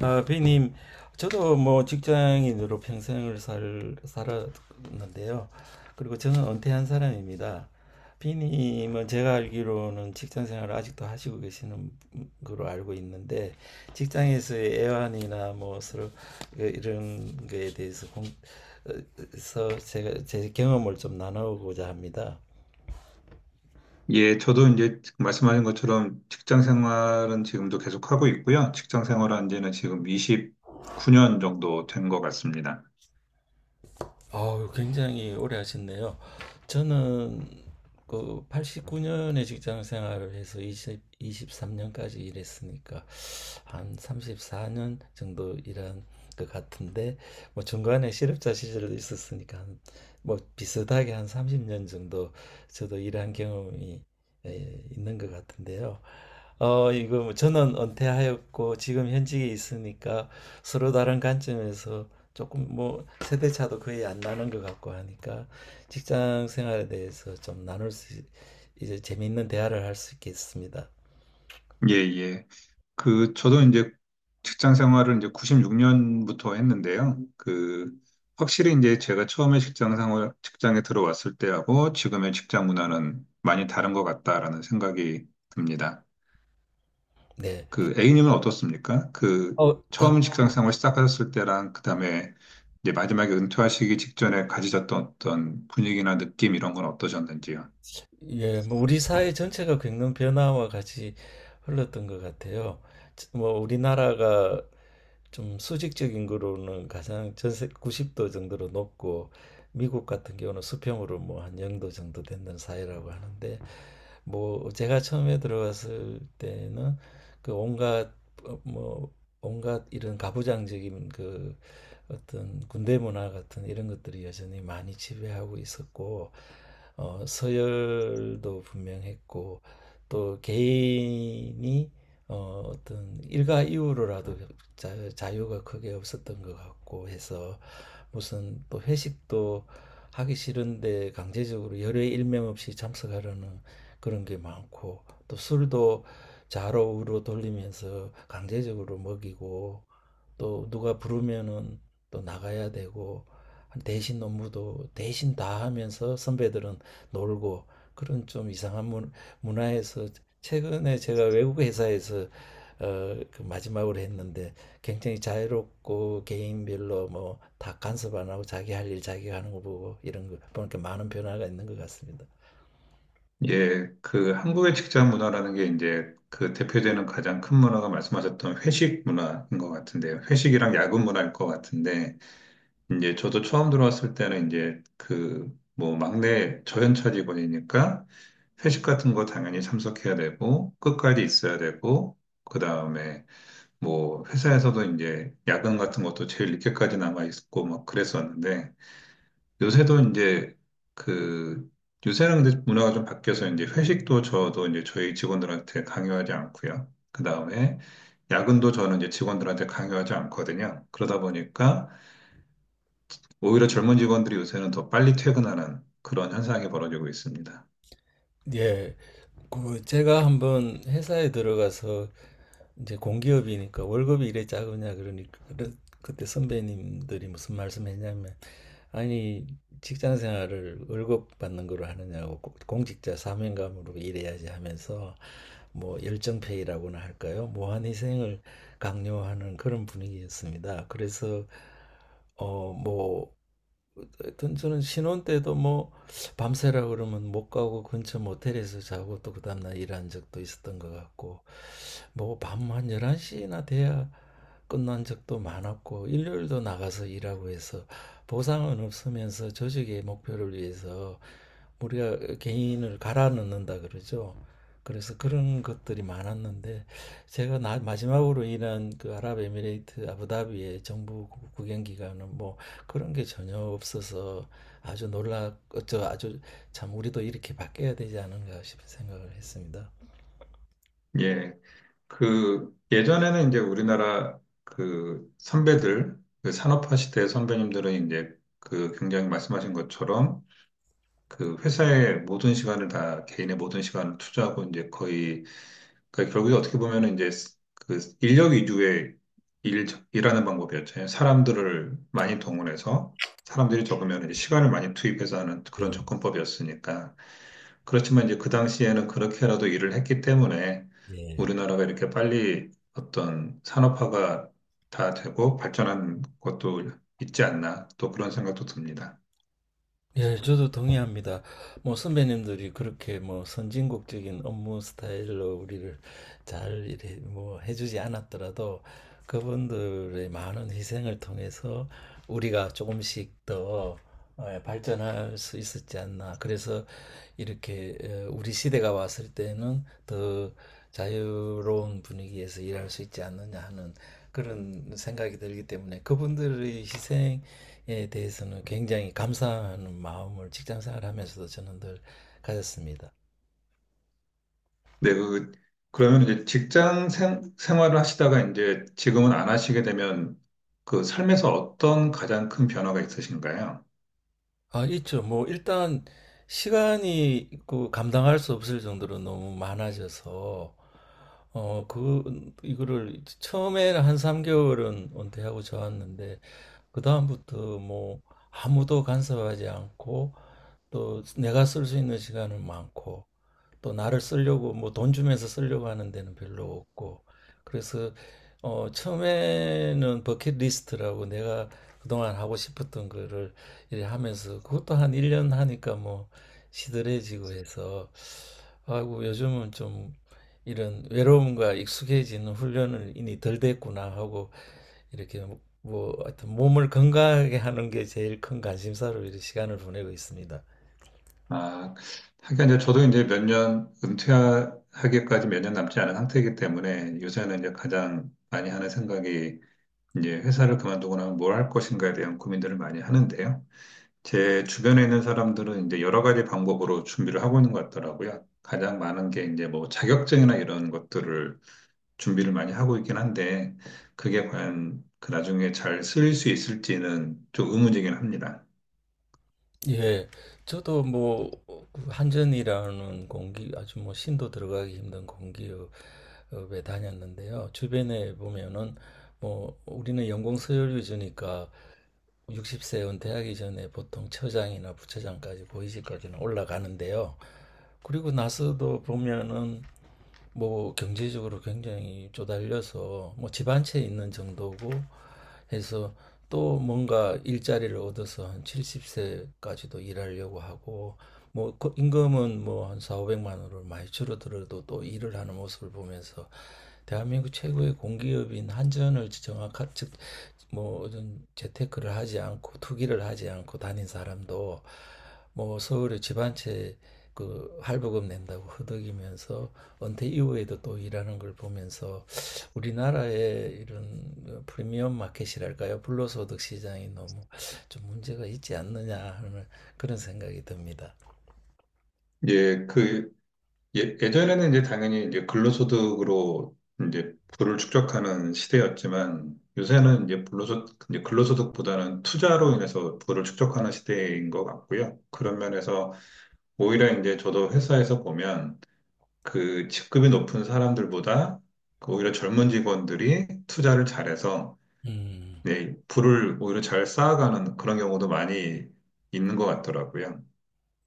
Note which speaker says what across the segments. Speaker 1: 아, 비님, 저도 뭐 직장인으로 평생을 살, 살았는데요. 그리고 저는 은퇴한 사람입니다. 비님은 제가 알기로는 직장 생활을 아직도 하시고 계시는 걸로 알고 있는데, 직장에서의 애환이나 뭐 서로 이런 거에 대해서 어, 서 제가 제 경험을 좀 나누고자 합니다.
Speaker 2: 예, 저도 이제 말씀하신 것처럼 직장 생활은 지금도 계속 하고 있고요. 직장 생활한 지는 지금 29년 정도 된 것 같습니다.
Speaker 1: 아우, 굉장히 오래 하셨네요. 저는 그 89년에 직장 생활을 해서 2이십3년까지 일했으니까 한 34년 정도 일한 것 같은데, 뭐 중간에 실업자 시절도 있었으니까 한, 뭐 비슷하게 한 30년 정도 저도 일한 경험이 있는 것 같은데요. 이거 뭐 저는 은퇴하였고 지금 현직에 있으니까 서로 다른 관점에서 조금 뭐 세대 차도 거의 안 나는 것 같고 하니까 직장 생활에 대해서 좀 나눌 수 이제 재미있는 대화를 할 수 있겠습니다.
Speaker 2: 예, 예. 그, 저도 이제 직장 생활을 이제 96년부터 했는데요. 그, 확실히 이제 제가 처음에 직장에 들어왔을 때하고 지금의 직장 문화는 많이 다른 것 같다라는 생각이 듭니다.
Speaker 1: 네.
Speaker 2: 그 A님은 어떻습니까? 그
Speaker 1: 어, 당,
Speaker 2: 처음 직장생활 시작하셨을 때랑 그다음에 이제 마지막에 은퇴하시기 직전에 가지셨던 어떤 분위기나 느낌 이런 건 어떠셨는지요?
Speaker 1: 예, 뭐 우리 사회 전체가 겪는 변화와 같이 흘렀던 것 같아요. 뭐 우리나라가 좀 수직적 인구로는 가장 전세 90도 정도로 높고, 미국 같은 경우는 수평으로 뭐 한 0도 정도 되는 사회라고 하는데, 뭐 제가 처음에 들어갔을 때는 그 온갖 어, 뭐 온갖 이런 가부장적인 그 어떤 군대 문화 같은 이런 것들이 여전히 많이 지배하고 있었고, 서열도 분명했고, 또 개인이 어떤 일가 이후로라도 자, 유가 크게 없었던 것 같고 해서, 무슨 또 회식도 하기 싫은데 강제적으로 열의 일명 없이 참석하려는 그런 게 많고, 또 술도 좌로 우로 돌리면서 강제적으로 먹이고, 또 누가 부르면은 또 나가야 되고, 대신 업무도 대신 다 하면서 선배들은 놀고, 그런 좀 이상한 문, 문화에서 최근에 제가 외국 회사에서 그 마지막으로 했는데, 굉장히 자유롭고 개인별로 뭐 다 간섭 안 하고 자기 할 일 자기가 하는 거 보고 이런 거 보니까 많은 변화가 있는 것 같습니다.
Speaker 2: 예, 그 한국의 직장 문화라는 게 이제 그 대표되는 가장 큰 문화가 말씀하셨던 회식 문화인 것 같은데요. 회식이랑 야근 문화일 것 같은데 이제 저도 처음 들어왔을 때는 이제 그 뭐 막내 저연차 직원이니까 회식 같은 거 당연히 참석해야 되고 끝까지 있어야 되고 그 다음에 뭐 회사에서도 이제 야근 같은 것도 제일 늦게까지 남아 있고 막 그랬었는데 요새도 이제 그 요새는 근데 문화가 좀 바뀌어서 이제 회식도 저도 이제 저희 직원들한테 강요하지 않고요. 그 다음에 야근도 저는 이제 직원들한테 강요하지 않거든요. 그러다 보니까 오히려 젊은 직원들이 요새는 더 빨리 퇴근하는 그런 현상이 벌어지고 있습니다.
Speaker 1: 예, 그 제가 한번 회사에 들어가서 이제 공기업이니까 월급이 이래 작으냐 그러니까 그때 선배님들이 무슨 말씀했냐면, 아니, 직장 생활을 월급 받는 걸로 하느냐고, 공직자 사명감으로 일해야지 하면서 뭐 열정페이라고나 할까요? 무한희생을 강요하는 그런 분위기였습니다. 그래서 어뭐 하여튼 저는 신혼 때도 뭐 밤새라 그러면 못 가고 근처 모텔에서 자고 또 그 다음날 일한 적도 있었던 것 같고, 뭐 밤 한 11시나 돼야 끝난 적도 많았고, 일요일도 나가서 일하고 해서 보상은 없으면서 조직의 목표를 위해서 우리가 개인을 갈아 넣는다 그러죠. 그래서 그런 것들이 많았는데, 제가 마지막으로 일한 그 아랍에미레이트 아부다비의 정부 구경 기간은 뭐 그런 게 전혀 없어서 아주 놀라, 저 아주, 참 우리도 이렇게 바뀌어야 되지 않은가 싶은 생각을 했습니다.
Speaker 2: 예, 그 예전에는 이제 우리나라 그 선배들, 그 산업화 시대의 선배님들은 이제 그 굉장히 말씀하신 것처럼 그 회사의 모든 시간을 다 개인의 모든 시간을 투자하고 이제 거의 그러니까 결국에 어떻게 보면은 이제 그 인력 위주의 일, 일하는 방법이었잖아요. 사람들을 많이 동원해서 사람들이 적으면 이제 시간을 많이 투입해서 하는 그런
Speaker 1: 네.
Speaker 2: 접근법이었으니까. 그렇지만 이제 그 당시에는 그렇게라도 일을 했기 때문에
Speaker 1: 예.
Speaker 2: 우리나라가 이렇게 빨리 어떤 산업화가 다 되고 발전한 것도 있지 않나 또 그런 생각도 듭니다.
Speaker 1: 예, 저도 동의합니다. 뭐 선배님들이 그렇게 뭐 선진국적인 업무 스타일로 우리를 잘 이래 뭐 해주지 않았더라도, 그분들의 많은 희생을 통해서 우리가 조금씩 더 발전할 수 있었지 않나. 그래서 이렇게 우리 시대가 왔을 때는 더 자유로운 분위기에서 일할 수 있지 않느냐 하는 그런 생각이 들기 때문에, 그분들의 희생 에 대해서는 굉장히 감사하는 마음을 직장 생활하면서도 저는 늘 가졌습니다.
Speaker 2: 네, 그, 그러면 이제 직장 생활을 하시다가 이제 지금은 안 하시게 되면 그 삶에서 어떤 가장 큰 변화가 있으신가요?
Speaker 1: 아, 있죠. 뭐 일단 시간이 있고 감당할 수 없을 정도로 너무 많아져서, 그 이거를 처음에는 한 3개월은 은퇴하고 좋았는데, 그다음부터 뭐 아무도 간섭하지 않고, 또 내가 쓸 수 있는 시간은 많고, 또 나를 쓰려고 뭐 돈 주면서 쓰려고 하는 데는 별로 없고, 그래서 처음에는 버킷리스트라고 내가 그동안 하고 싶었던 거를 이래 하면서 그것도 한 1년 하니까 뭐 시들해지고 해서, 아이고 요즘은 좀 이런 외로움과 익숙해지는 훈련을 이미 덜 됐구나 하고, 이렇게 뭐 뭐 하여튼 몸을 건강하게 하는 게 제일 큰 관심사로 이렇게 시간을 보내고 있습니다.
Speaker 2: 아, 하긴 이제 저도 이제 몇 년 은퇴하기까지 몇 년 남지 않은 상태이기 때문에 요새는 이제 가장 많이 하는 생각이 이제 회사를 그만두고 나면 뭘 할 것인가에 대한 고민들을 많이 하는데요. 제 주변에 있는 사람들은 이제 여러 가지 방법으로 준비를 하고 있는 것 같더라고요. 가장 많은 게 이제 뭐 자격증이나 이런 것들을 준비를 많이 하고 있긴 한데 그게 과연 그 나중에 잘 쓰일 수 있을지는 좀 의문이긴 합니다.
Speaker 1: 예, 저도 뭐, 그 한전이라는 아주 뭐, 신도 들어가기 힘든 공기업에 다녔는데요. 주변에 보면은, 뭐, 우리는 연공서열 위주니까 60세 은퇴하기 전에 보통 처장이나 부처장까지, 보이직까지는 올라가는데요. 그리고 나서도 보면은 뭐 경제적으로 굉장히 쪼달려서 뭐 집 한 채 있는 정도고 해서, 또 뭔가 일자리를 얻어서 한 70세까지도 일하려고 하고, 뭐 그 임금은 뭐 한 4, 500만 원으로 많이 줄어들어도 또 일을 하는 모습을 보면서, 대한민국 최고의 공기업인 한전을 정확한 즉, 뭐 어떤 재테크를 하지 않고 투기를 하지 않고 다닌 사람도 뭐 서울에 집 한 채 그 할부금 낸다고 허덕이면서 은퇴 이후에도 또 일하는 걸 보면서, 우리나라의 이런 프리미엄 마켓이랄까요? 불로소득 시장이 너무 좀 문제가 있지 않느냐 하는 그런 생각이 듭니다.
Speaker 2: 이제 그 예, 예전에는 이제 당연히 이제 근로소득으로 이제 부를 축적하는 시대였지만 요새는 이제 불로소득, 이제 근로소득보다는 투자로 인해서 부를 축적하는 시대인 것 같고요. 그런 면에서 오히려 이제 저도 회사에서 보면 그 직급이 높은 사람들보다 그 오히려 젊은 직원들이 투자를 잘해서
Speaker 1: 음,
Speaker 2: 네, 부를 오히려 잘 쌓아가는 그런 경우도 많이 있는 것 같더라고요.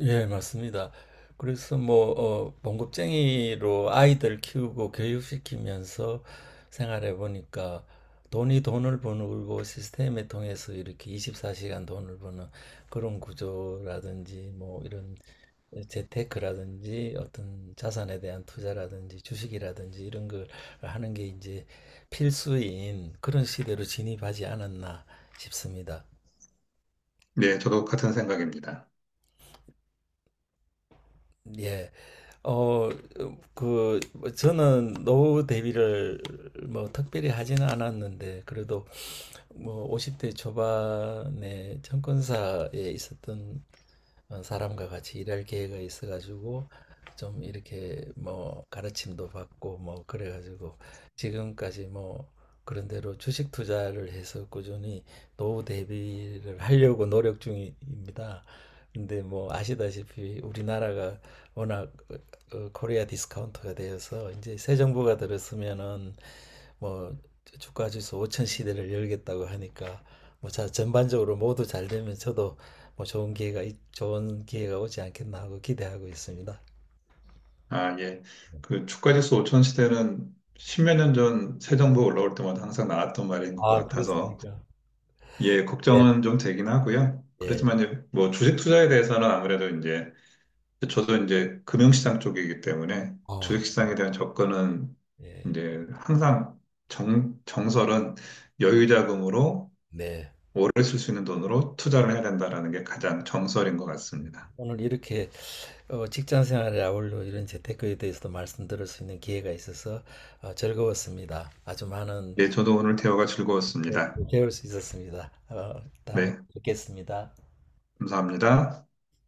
Speaker 1: 예, 맞습니다. 그래서 뭐, 봉급쟁이로 아이들 키우고 교육시키면서 생활해 보니까, 돈이 돈을 버는 시스템에 통해서 이렇게 24시간 돈을 버는 그런 구조라든지, 뭐 이런 재테크라든지 어떤 자산에 대한 투자라든지 주식이라든지 이런 걸 하는 게 이제 필수인 그런 시대로 진입하지 않았나 싶습니다.
Speaker 2: 네, 저도 같은 생각입니다.
Speaker 1: 예. 어, 뭐 저는 노후 대비를 뭐 특별히 하지는 않았는데, 그래도 뭐 50대 초반에 증권사에 있었던 사람과 같이 일할 기회가 있어가지고 좀 이렇게 뭐 가르침도 받고 뭐 그래가지고 지금까지 뭐 그런 대로 주식 투자를 해서 꾸준히 노후 대비를 하려고 노력 중입니다. 근데 뭐 아시다시피 우리나라가 워낙 코리아 디스카운트가 되어서 이제 새 정부가 들었으면은 뭐 주가 지수 5천 시대를 열겠다고 하니까, 뭐 자 전반적으로 모두 잘 되면 저도 뭐 좋은 기회가 좋은 기회가 오지 않겠나 하고 기대하고 있습니다.
Speaker 2: 아, 예. 그 주가지수 5천 시대는 십몇 년 전 새 정부 올라올 때마다 항상 나왔던 말인 것
Speaker 1: 아,
Speaker 2: 같아서
Speaker 1: 그렇습니까?
Speaker 2: 예,
Speaker 1: 예,
Speaker 2: 걱정은 좀 되긴 하고요.
Speaker 1: 예,
Speaker 2: 그렇지만 이제 뭐 주식 투자에 대해서는 아무래도 이제 저도 이제 금융시장 쪽이기 때문에
Speaker 1: 어,
Speaker 2: 주식시장에 대한 접근은
Speaker 1: 예,
Speaker 2: 이제 항상 정설은 여유자금으로
Speaker 1: 네.
Speaker 2: 오래 쓸 수 있는 돈으로 투자를 해야 된다라는 게 가장 정설인 것 같습니다.
Speaker 1: 오늘 이렇게 직장 생활에 아울러 이런 재테크에 대해서도 말씀드릴 수 있는 기회가 있어서 즐거웠습니다. 아주 많은,
Speaker 2: 예, 저도 오늘 대화가
Speaker 1: 네,
Speaker 2: 즐거웠습니다.
Speaker 1: 배울 수 있었습니다. 다음에
Speaker 2: 네,
Speaker 1: 뵙겠습니다.
Speaker 2: 감사합니다.